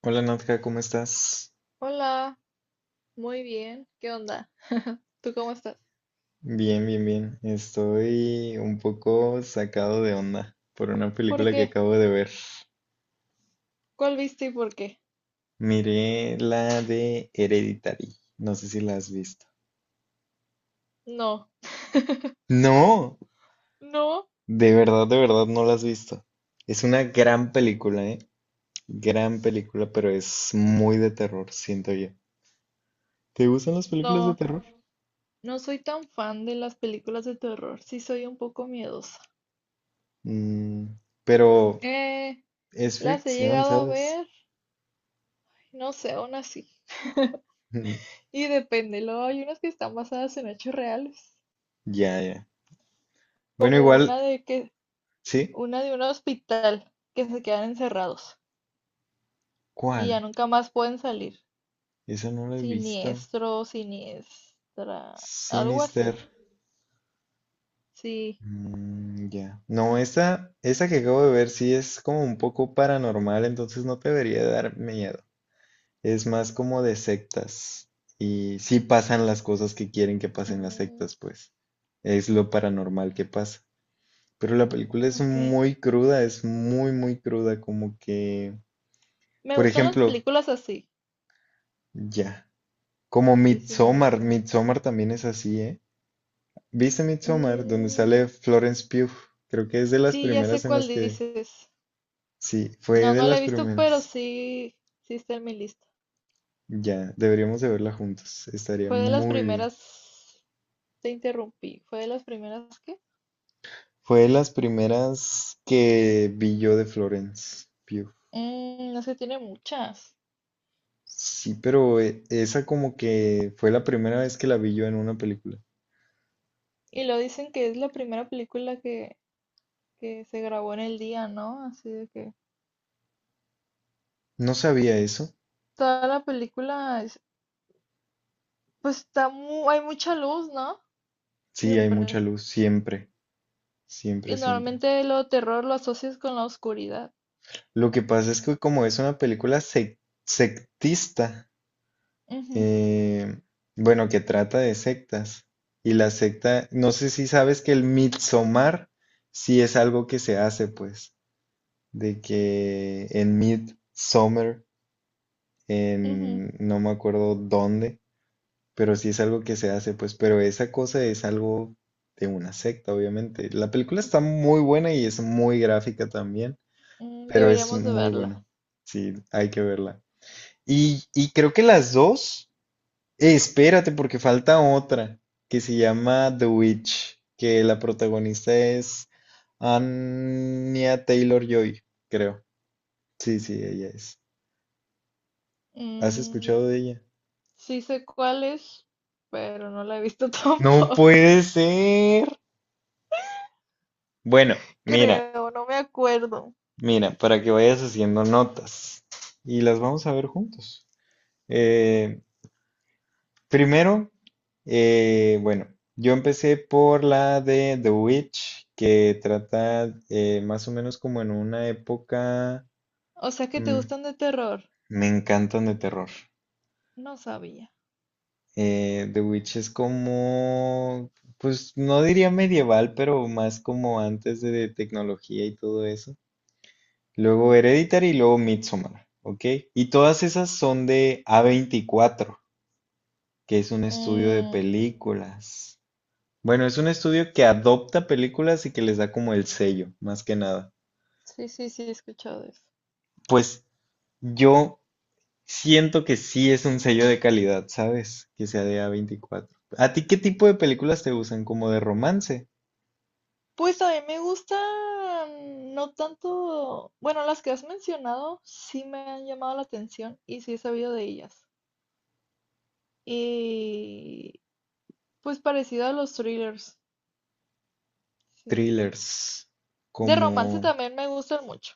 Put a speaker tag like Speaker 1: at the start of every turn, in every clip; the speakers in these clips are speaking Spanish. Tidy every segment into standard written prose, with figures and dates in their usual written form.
Speaker 1: Hola Nadja, ¿cómo estás?
Speaker 2: Hola, muy bien. ¿Qué onda? ¿Tú cómo estás?
Speaker 1: Bien, bien, bien. Estoy un poco sacado de onda por una
Speaker 2: ¿Por
Speaker 1: película que
Speaker 2: qué?
Speaker 1: acabo de ver.
Speaker 2: ¿Cuál viste y por qué?
Speaker 1: Miré la de Hereditary. No sé si la has visto.
Speaker 2: No,
Speaker 1: No,
Speaker 2: no,
Speaker 1: de verdad no la has visto. Es una gran película, ¿eh? Gran película, pero es muy de terror, siento yo. ¿Te gustan las películas de
Speaker 2: no.
Speaker 1: terror?
Speaker 2: No soy tan fan de las películas de terror. Sí soy un poco miedosa.
Speaker 1: Mm, pero
Speaker 2: Eh,
Speaker 1: es
Speaker 2: las he
Speaker 1: fricción,
Speaker 2: llegado a
Speaker 1: ¿sabes?
Speaker 2: ver, no sé, aún así. Y depende, luego hay unas que están basadas en hechos reales,
Speaker 1: Ya, ya. Bueno,
Speaker 2: como
Speaker 1: igual, ¿sí?
Speaker 2: una de un hospital que se quedan encerrados y ya
Speaker 1: ¿Cuál?
Speaker 2: nunca más pueden salir.
Speaker 1: Esa no la he visto.
Speaker 2: Siniestro, siniestra, algo
Speaker 1: Sinister.
Speaker 2: así. Sí.
Speaker 1: Mm, ya. No, esa que acabo de ver sí es como un poco paranormal, entonces no te debería dar miedo. Es más como de sectas. Y sí pasan las cosas que quieren que pasen las
Speaker 2: Mm,
Speaker 1: sectas, pues. Es lo paranormal que pasa. Pero la película es
Speaker 2: ok.
Speaker 1: muy cruda, es muy, muy cruda. Como que,
Speaker 2: Me
Speaker 1: por
Speaker 2: gustan las
Speaker 1: ejemplo,
Speaker 2: películas así.
Speaker 1: ya. Como
Speaker 2: Sí, sí, me
Speaker 1: Midsommar.
Speaker 2: gusta.
Speaker 1: Midsommar también es así, ¿eh? ¿Viste Midsommar? Donde
Speaker 2: Mm,
Speaker 1: sale Florence Pugh. Creo que es de las
Speaker 2: sí, ya
Speaker 1: primeras
Speaker 2: sé
Speaker 1: en las
Speaker 2: cuál
Speaker 1: que...
Speaker 2: dices.
Speaker 1: Sí, fue
Speaker 2: No,
Speaker 1: de
Speaker 2: no la he
Speaker 1: las
Speaker 2: visto, pero
Speaker 1: primeras.
Speaker 2: sí, sí está en mi lista.
Speaker 1: Ya, deberíamos de verla juntos. Estaría
Speaker 2: Fue de las
Speaker 1: muy bien.
Speaker 2: primeras, te interrumpí, fue de las primeras que.
Speaker 1: Fue de las primeras que vi yo de Florence Pugh.
Speaker 2: Mm, no sé, tiene muchas.
Speaker 1: Sí, pero esa como que fue la primera vez que la vi yo en una película.
Speaker 2: Y lo dicen que es la primera película que se grabó en el día, ¿no? Así de que
Speaker 1: No sabía eso.
Speaker 2: toda la película, pues está hay mucha luz, ¿no?
Speaker 1: Sí, hay
Speaker 2: Siempre.
Speaker 1: mucha luz, siempre, siempre,
Speaker 2: Y
Speaker 1: siempre.
Speaker 2: normalmente lo terror lo asocias con la oscuridad.
Speaker 1: Lo que pasa es que como es una película sectista,
Speaker 2: Ujú,
Speaker 1: eh, bueno, que trata de sectas. Y la secta, no sé si sabes que el Midsommar sí es algo que se hace, pues, de que en Midsommar,
Speaker 2: ujú.
Speaker 1: en no me acuerdo dónde, pero sí es algo que se hace, pues, pero esa cosa es algo de una secta, obviamente. La película está muy buena y es muy gráfica también,
Speaker 2: Mm,
Speaker 1: pero es
Speaker 2: deberíamos de
Speaker 1: muy
Speaker 2: verla.
Speaker 1: bueno. Sí, hay que verla. Y creo que las dos. Espérate, porque falta otra que se llama The Witch, que la protagonista es Anya Taylor-Joy, creo. Sí, sí, ella es. ¿Has
Speaker 2: Mm,
Speaker 1: escuchado de ella?
Speaker 2: sí sé cuál es, pero no la he visto
Speaker 1: No
Speaker 2: tampoco.
Speaker 1: puede ser. Bueno, mira,
Speaker 2: Creo, no me acuerdo.
Speaker 1: mira, para que vayas haciendo notas y las vamos a ver juntos. Eh, Primero, bueno, yo empecé por la de The Witch, que trata más o menos como en una época...
Speaker 2: O sea que te
Speaker 1: Mm,
Speaker 2: gustan de terror.
Speaker 1: me encantan de terror.
Speaker 2: No sabía.
Speaker 1: The Witch es como, pues no diría medieval, pero más como antes de tecnología y todo eso. Luego Hereditary y luego Midsommar, ¿ok? Y todas esas son de A24, que es un estudio de
Speaker 2: Mm,
Speaker 1: películas. Bueno, es un estudio que adopta películas y que les da como el sello, más que nada.
Speaker 2: sí, sí, sí, he escuchado eso.
Speaker 1: Pues yo siento que sí es un sello de calidad, ¿sabes? Que sea de A24. ¿A ti qué tipo de películas te gustan? ¿Como de romance?
Speaker 2: Pues a mí me gustan, no tanto, bueno, las que has mencionado sí me han llamado la atención y sí he sabido de ellas. Y pues parecido a los thrillers. Sí.
Speaker 1: ¿Thrillers?
Speaker 2: De romance
Speaker 1: ¿Como
Speaker 2: también me gustan mucho,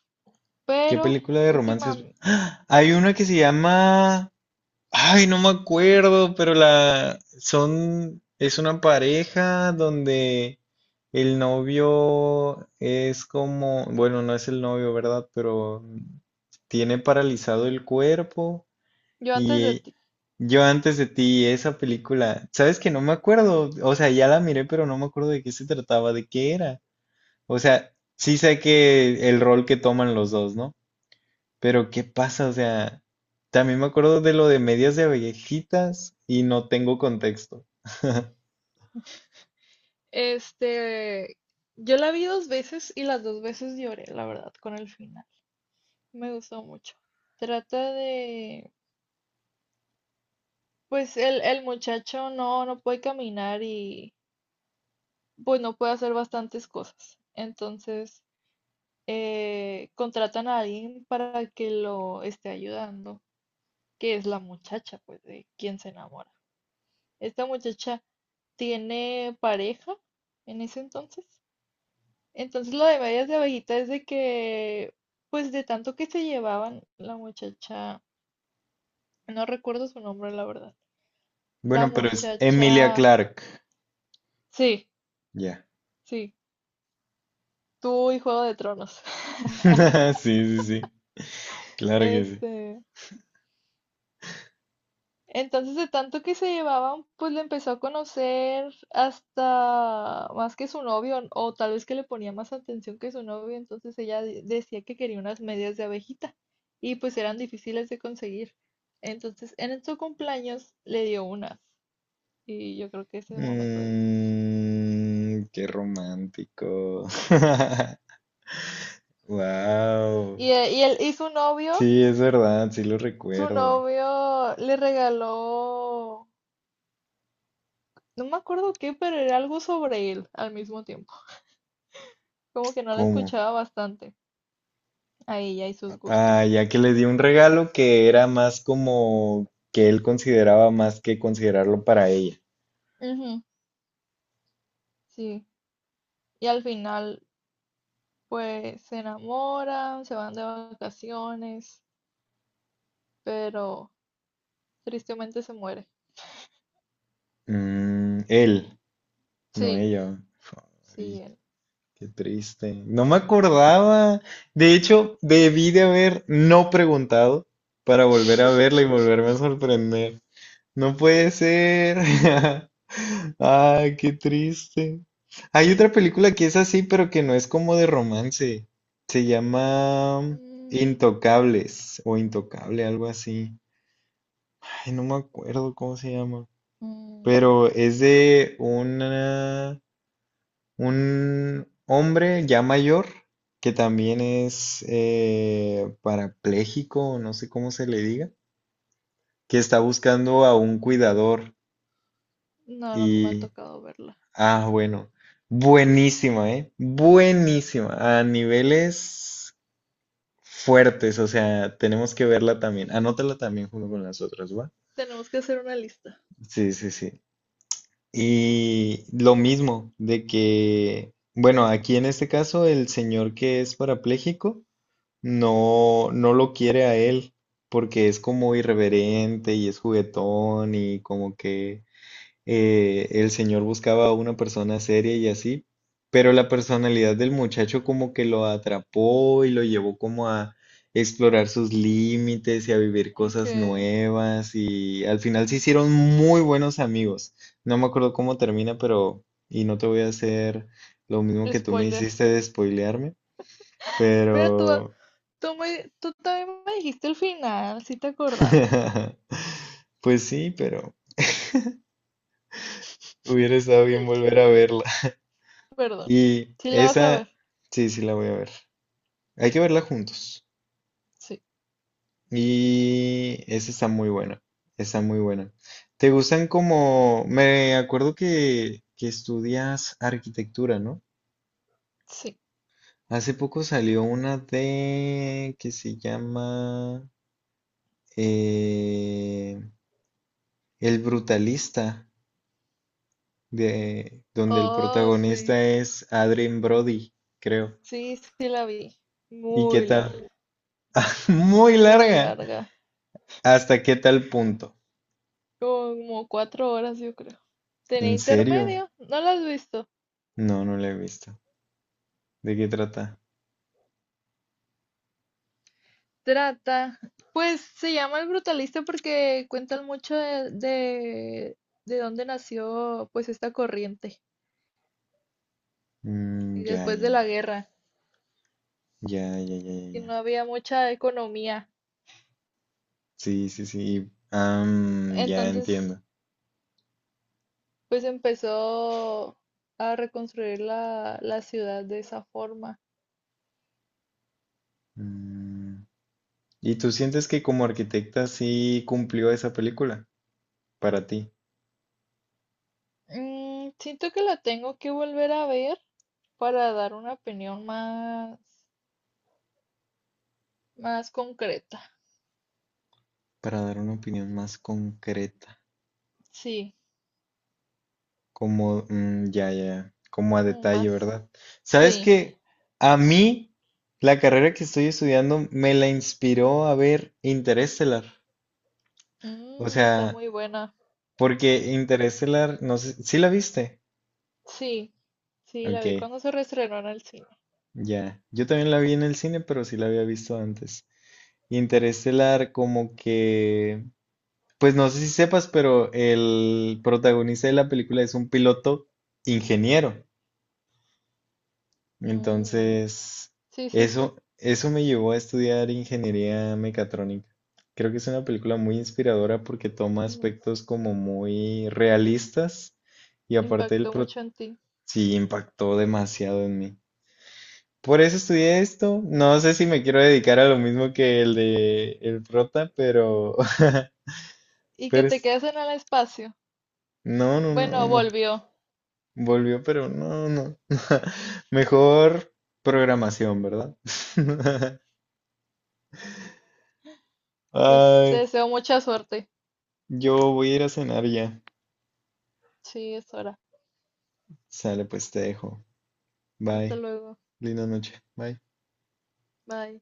Speaker 1: qué
Speaker 2: pero
Speaker 1: película de romance
Speaker 2: última,
Speaker 1: es? ¡Ah! Hay una que se llama... Ay, no me acuerdo, pero la son es una pareja donde el novio es como, bueno, no es el novio, ¿verdad? Pero tiene paralizado el cuerpo
Speaker 2: yo antes de
Speaker 1: y
Speaker 2: ti,
Speaker 1: yo antes de ti, esa película, sabes que no me acuerdo, o sea, ya la miré, pero no me acuerdo de qué se trataba, de qué era. O sea, sí sé que el rol que toman los dos, ¿no? Pero ¿qué pasa? O sea, también me acuerdo de lo de medias de abejitas y no tengo contexto.
Speaker 2: este, yo la vi dos veces y las dos veces lloré, la verdad, con el final. Me gustó mucho. Trata de, pues el muchacho no, no puede caminar y pues no puede hacer bastantes cosas. Entonces, contratan a alguien para que lo esté ayudando, que es la muchacha, pues, de quien se enamora. Esta muchacha tiene pareja en ese entonces. Entonces lo de medias de abejita es de que, pues de tanto que se llevaban, la muchacha, no recuerdo su nombre, la verdad. La
Speaker 1: Bueno, pero es Emilia
Speaker 2: muchacha,
Speaker 1: Clarke.
Speaker 2: sí,
Speaker 1: Ya.
Speaker 2: sí, tuvo y Juego de Tronos.
Speaker 1: Sí, sí, sí. Claro que sí.
Speaker 2: Este, entonces, de tanto que se llevaban, pues le empezó a conocer hasta más que su novio, o tal vez que le ponía más atención que su novio, entonces ella decía que quería unas medias de abejita y pues eran difíciles de conseguir. Entonces, en su cumpleaños le dio unas y yo creo que ese momento dices.
Speaker 1: Mm, qué romántico. Wow.
Speaker 2: Y
Speaker 1: Sí, es verdad, sí lo
Speaker 2: su
Speaker 1: recuerdo.
Speaker 2: novio le regaló, no me acuerdo qué, pero era algo sobre él al mismo tiempo, como que no la
Speaker 1: ¿Cómo?
Speaker 2: escuchaba bastante. Ahí ya hay sus
Speaker 1: Ah,
Speaker 2: gustos.
Speaker 1: ya que le di un regalo que era más como que él consideraba más que considerarlo para ella.
Speaker 2: Ujú, sí. Y al final, pues se enamoran, se van de vacaciones, pero tristemente se muere.
Speaker 1: Mm, él. No
Speaker 2: Sí,
Speaker 1: ella.
Speaker 2: sí,
Speaker 1: Ay,
Speaker 2: él.
Speaker 1: qué triste. No me acordaba. De hecho, debí de haber no preguntado para volver a verla y volverme a sorprender. No puede ser. Ay, qué triste. Hay otra película que es así, pero que no es como de romance. Se llama
Speaker 2: Mm,
Speaker 1: Intocables o Intocable, algo así. Ay, no me acuerdo cómo se llama.
Speaker 2: mm,
Speaker 1: Pero es de una... Un hombre ya mayor que también es parapléjico, no sé cómo se le diga, que está buscando a un cuidador
Speaker 2: no, no me ha
Speaker 1: y,
Speaker 2: tocado verla.
Speaker 1: ah, bueno, buenísima, ¿eh? Buenísima, a niveles fuertes, o sea, tenemos que verla también, anótala también junto con las otras, ¿va?
Speaker 2: Tenemos que hacer una lista.
Speaker 1: Sí, sí, sí. Y lo mismo, de que, bueno, aquí en este caso el señor que es parapléjico, no lo quiere a él, porque es como irreverente y es juguetón y como que el señor buscaba a una persona seria y así, pero la personalidad del muchacho como que lo atrapó y lo llevó como a explorar sus límites y a vivir
Speaker 2: Ok,
Speaker 1: cosas nuevas y al final se hicieron muy buenos amigos. No me acuerdo cómo termina, pero y no te voy a hacer lo mismo que tú me
Speaker 2: spoiler.
Speaker 1: hiciste de spoilearme,
Speaker 2: Pero tú,
Speaker 1: pero...
Speaker 2: tú, me, tú también me dijiste el final, si te acordabas.
Speaker 1: Pues sí, pero hubiera estado bien volver a verla.
Speaker 2: Perdón.
Speaker 1: Y
Speaker 2: ¿Sí la vas a
Speaker 1: esa,
Speaker 2: ver?
Speaker 1: sí, sí la voy a ver. Hay que verla juntos.
Speaker 2: Sí,
Speaker 1: Y esa está muy buena. Está muy buena. ¿Te gustan como... Me acuerdo que, estudias arquitectura, ¿no?
Speaker 2: sí.
Speaker 1: Hace poco salió una de... que se llama... eh, El Brutalista, de, donde el
Speaker 2: Oh, sí,
Speaker 1: protagonista es Adrien Brody, creo.
Speaker 2: sí, sí la vi.
Speaker 1: ¿Y qué
Speaker 2: Muy
Speaker 1: tal?
Speaker 2: larga,
Speaker 1: Muy
Speaker 2: muy
Speaker 1: larga.
Speaker 2: larga.
Speaker 1: ¿Hasta qué tal punto?
Speaker 2: Como 4 horas, yo creo. Tenía
Speaker 1: ¿En serio?
Speaker 2: intermedio, no la has visto.
Speaker 1: No, no la he visto. ¿De qué trata?
Speaker 2: Trata, pues se llama El Brutalista porque cuentan mucho de dónde nació pues esta corriente,
Speaker 1: Mm,
Speaker 2: y
Speaker 1: ya,
Speaker 2: después
Speaker 1: ya,
Speaker 2: de
Speaker 1: ya.
Speaker 2: la guerra,
Speaker 1: Ya, ya, ya, ya,
Speaker 2: y
Speaker 1: ya.
Speaker 2: no había mucha economía.
Speaker 1: Sí, sí, sí. Am, ya
Speaker 2: Entonces,
Speaker 1: entiendo.
Speaker 2: pues empezó a reconstruir la ciudad de esa forma.
Speaker 1: Mm, ¿y tú sientes que como arquitecta sí cumplió esa película para ti?
Speaker 2: Mm, siento que la tengo que volver a ver para dar una opinión más, más concreta.
Speaker 1: Para dar una opinión más concreta.
Speaker 2: Sí,
Speaker 1: Como, mm, ya, ya, ya, como a
Speaker 2: como
Speaker 1: detalle,
Speaker 2: más.
Speaker 1: ¿verdad? Sabes
Speaker 2: Sí,
Speaker 1: que a mí la carrera que estoy estudiando me la inspiró a ver Interestelar. O
Speaker 2: mm, está
Speaker 1: sea,
Speaker 2: muy buena.
Speaker 1: porque Interestelar, no sé, ¿sí la viste?
Speaker 2: Sí, sí, la vi
Speaker 1: Ok,
Speaker 2: cuando se reestrenó en el cine.
Speaker 1: ya. Yo también la vi en el cine, pero sí la había visto antes. Interestelar, como que, pues no sé si sepas, pero el protagonista de la película es un piloto ingeniero.
Speaker 2: Mm,
Speaker 1: Entonces,
Speaker 2: sí, sí, sí.
Speaker 1: eso me llevó a estudiar ingeniería mecatrónica. Creo que es una película muy inspiradora porque toma
Speaker 2: Mm,
Speaker 1: aspectos como muy realistas y aparte el
Speaker 2: impactó
Speaker 1: pro
Speaker 2: mucho en ti.
Speaker 1: sí impactó demasiado en mí. Por eso estudié esto. No sé si me quiero dedicar a lo mismo que el de el prota, pero...
Speaker 2: Y que
Speaker 1: pero
Speaker 2: te quedes en el espacio.
Speaker 1: no, no, no,
Speaker 2: Bueno,
Speaker 1: no.
Speaker 2: volvió.
Speaker 1: Volvió, pero no, no. Mejor programación, ¿verdad?
Speaker 2: Pues te
Speaker 1: Ay.
Speaker 2: deseo mucha suerte.
Speaker 1: Yo voy a ir a cenar ya.
Speaker 2: Sí, es hora.
Speaker 1: Sale, pues te dejo.
Speaker 2: Hasta
Speaker 1: Bye.
Speaker 2: luego.
Speaker 1: Linda noche. Bye.
Speaker 2: Bye.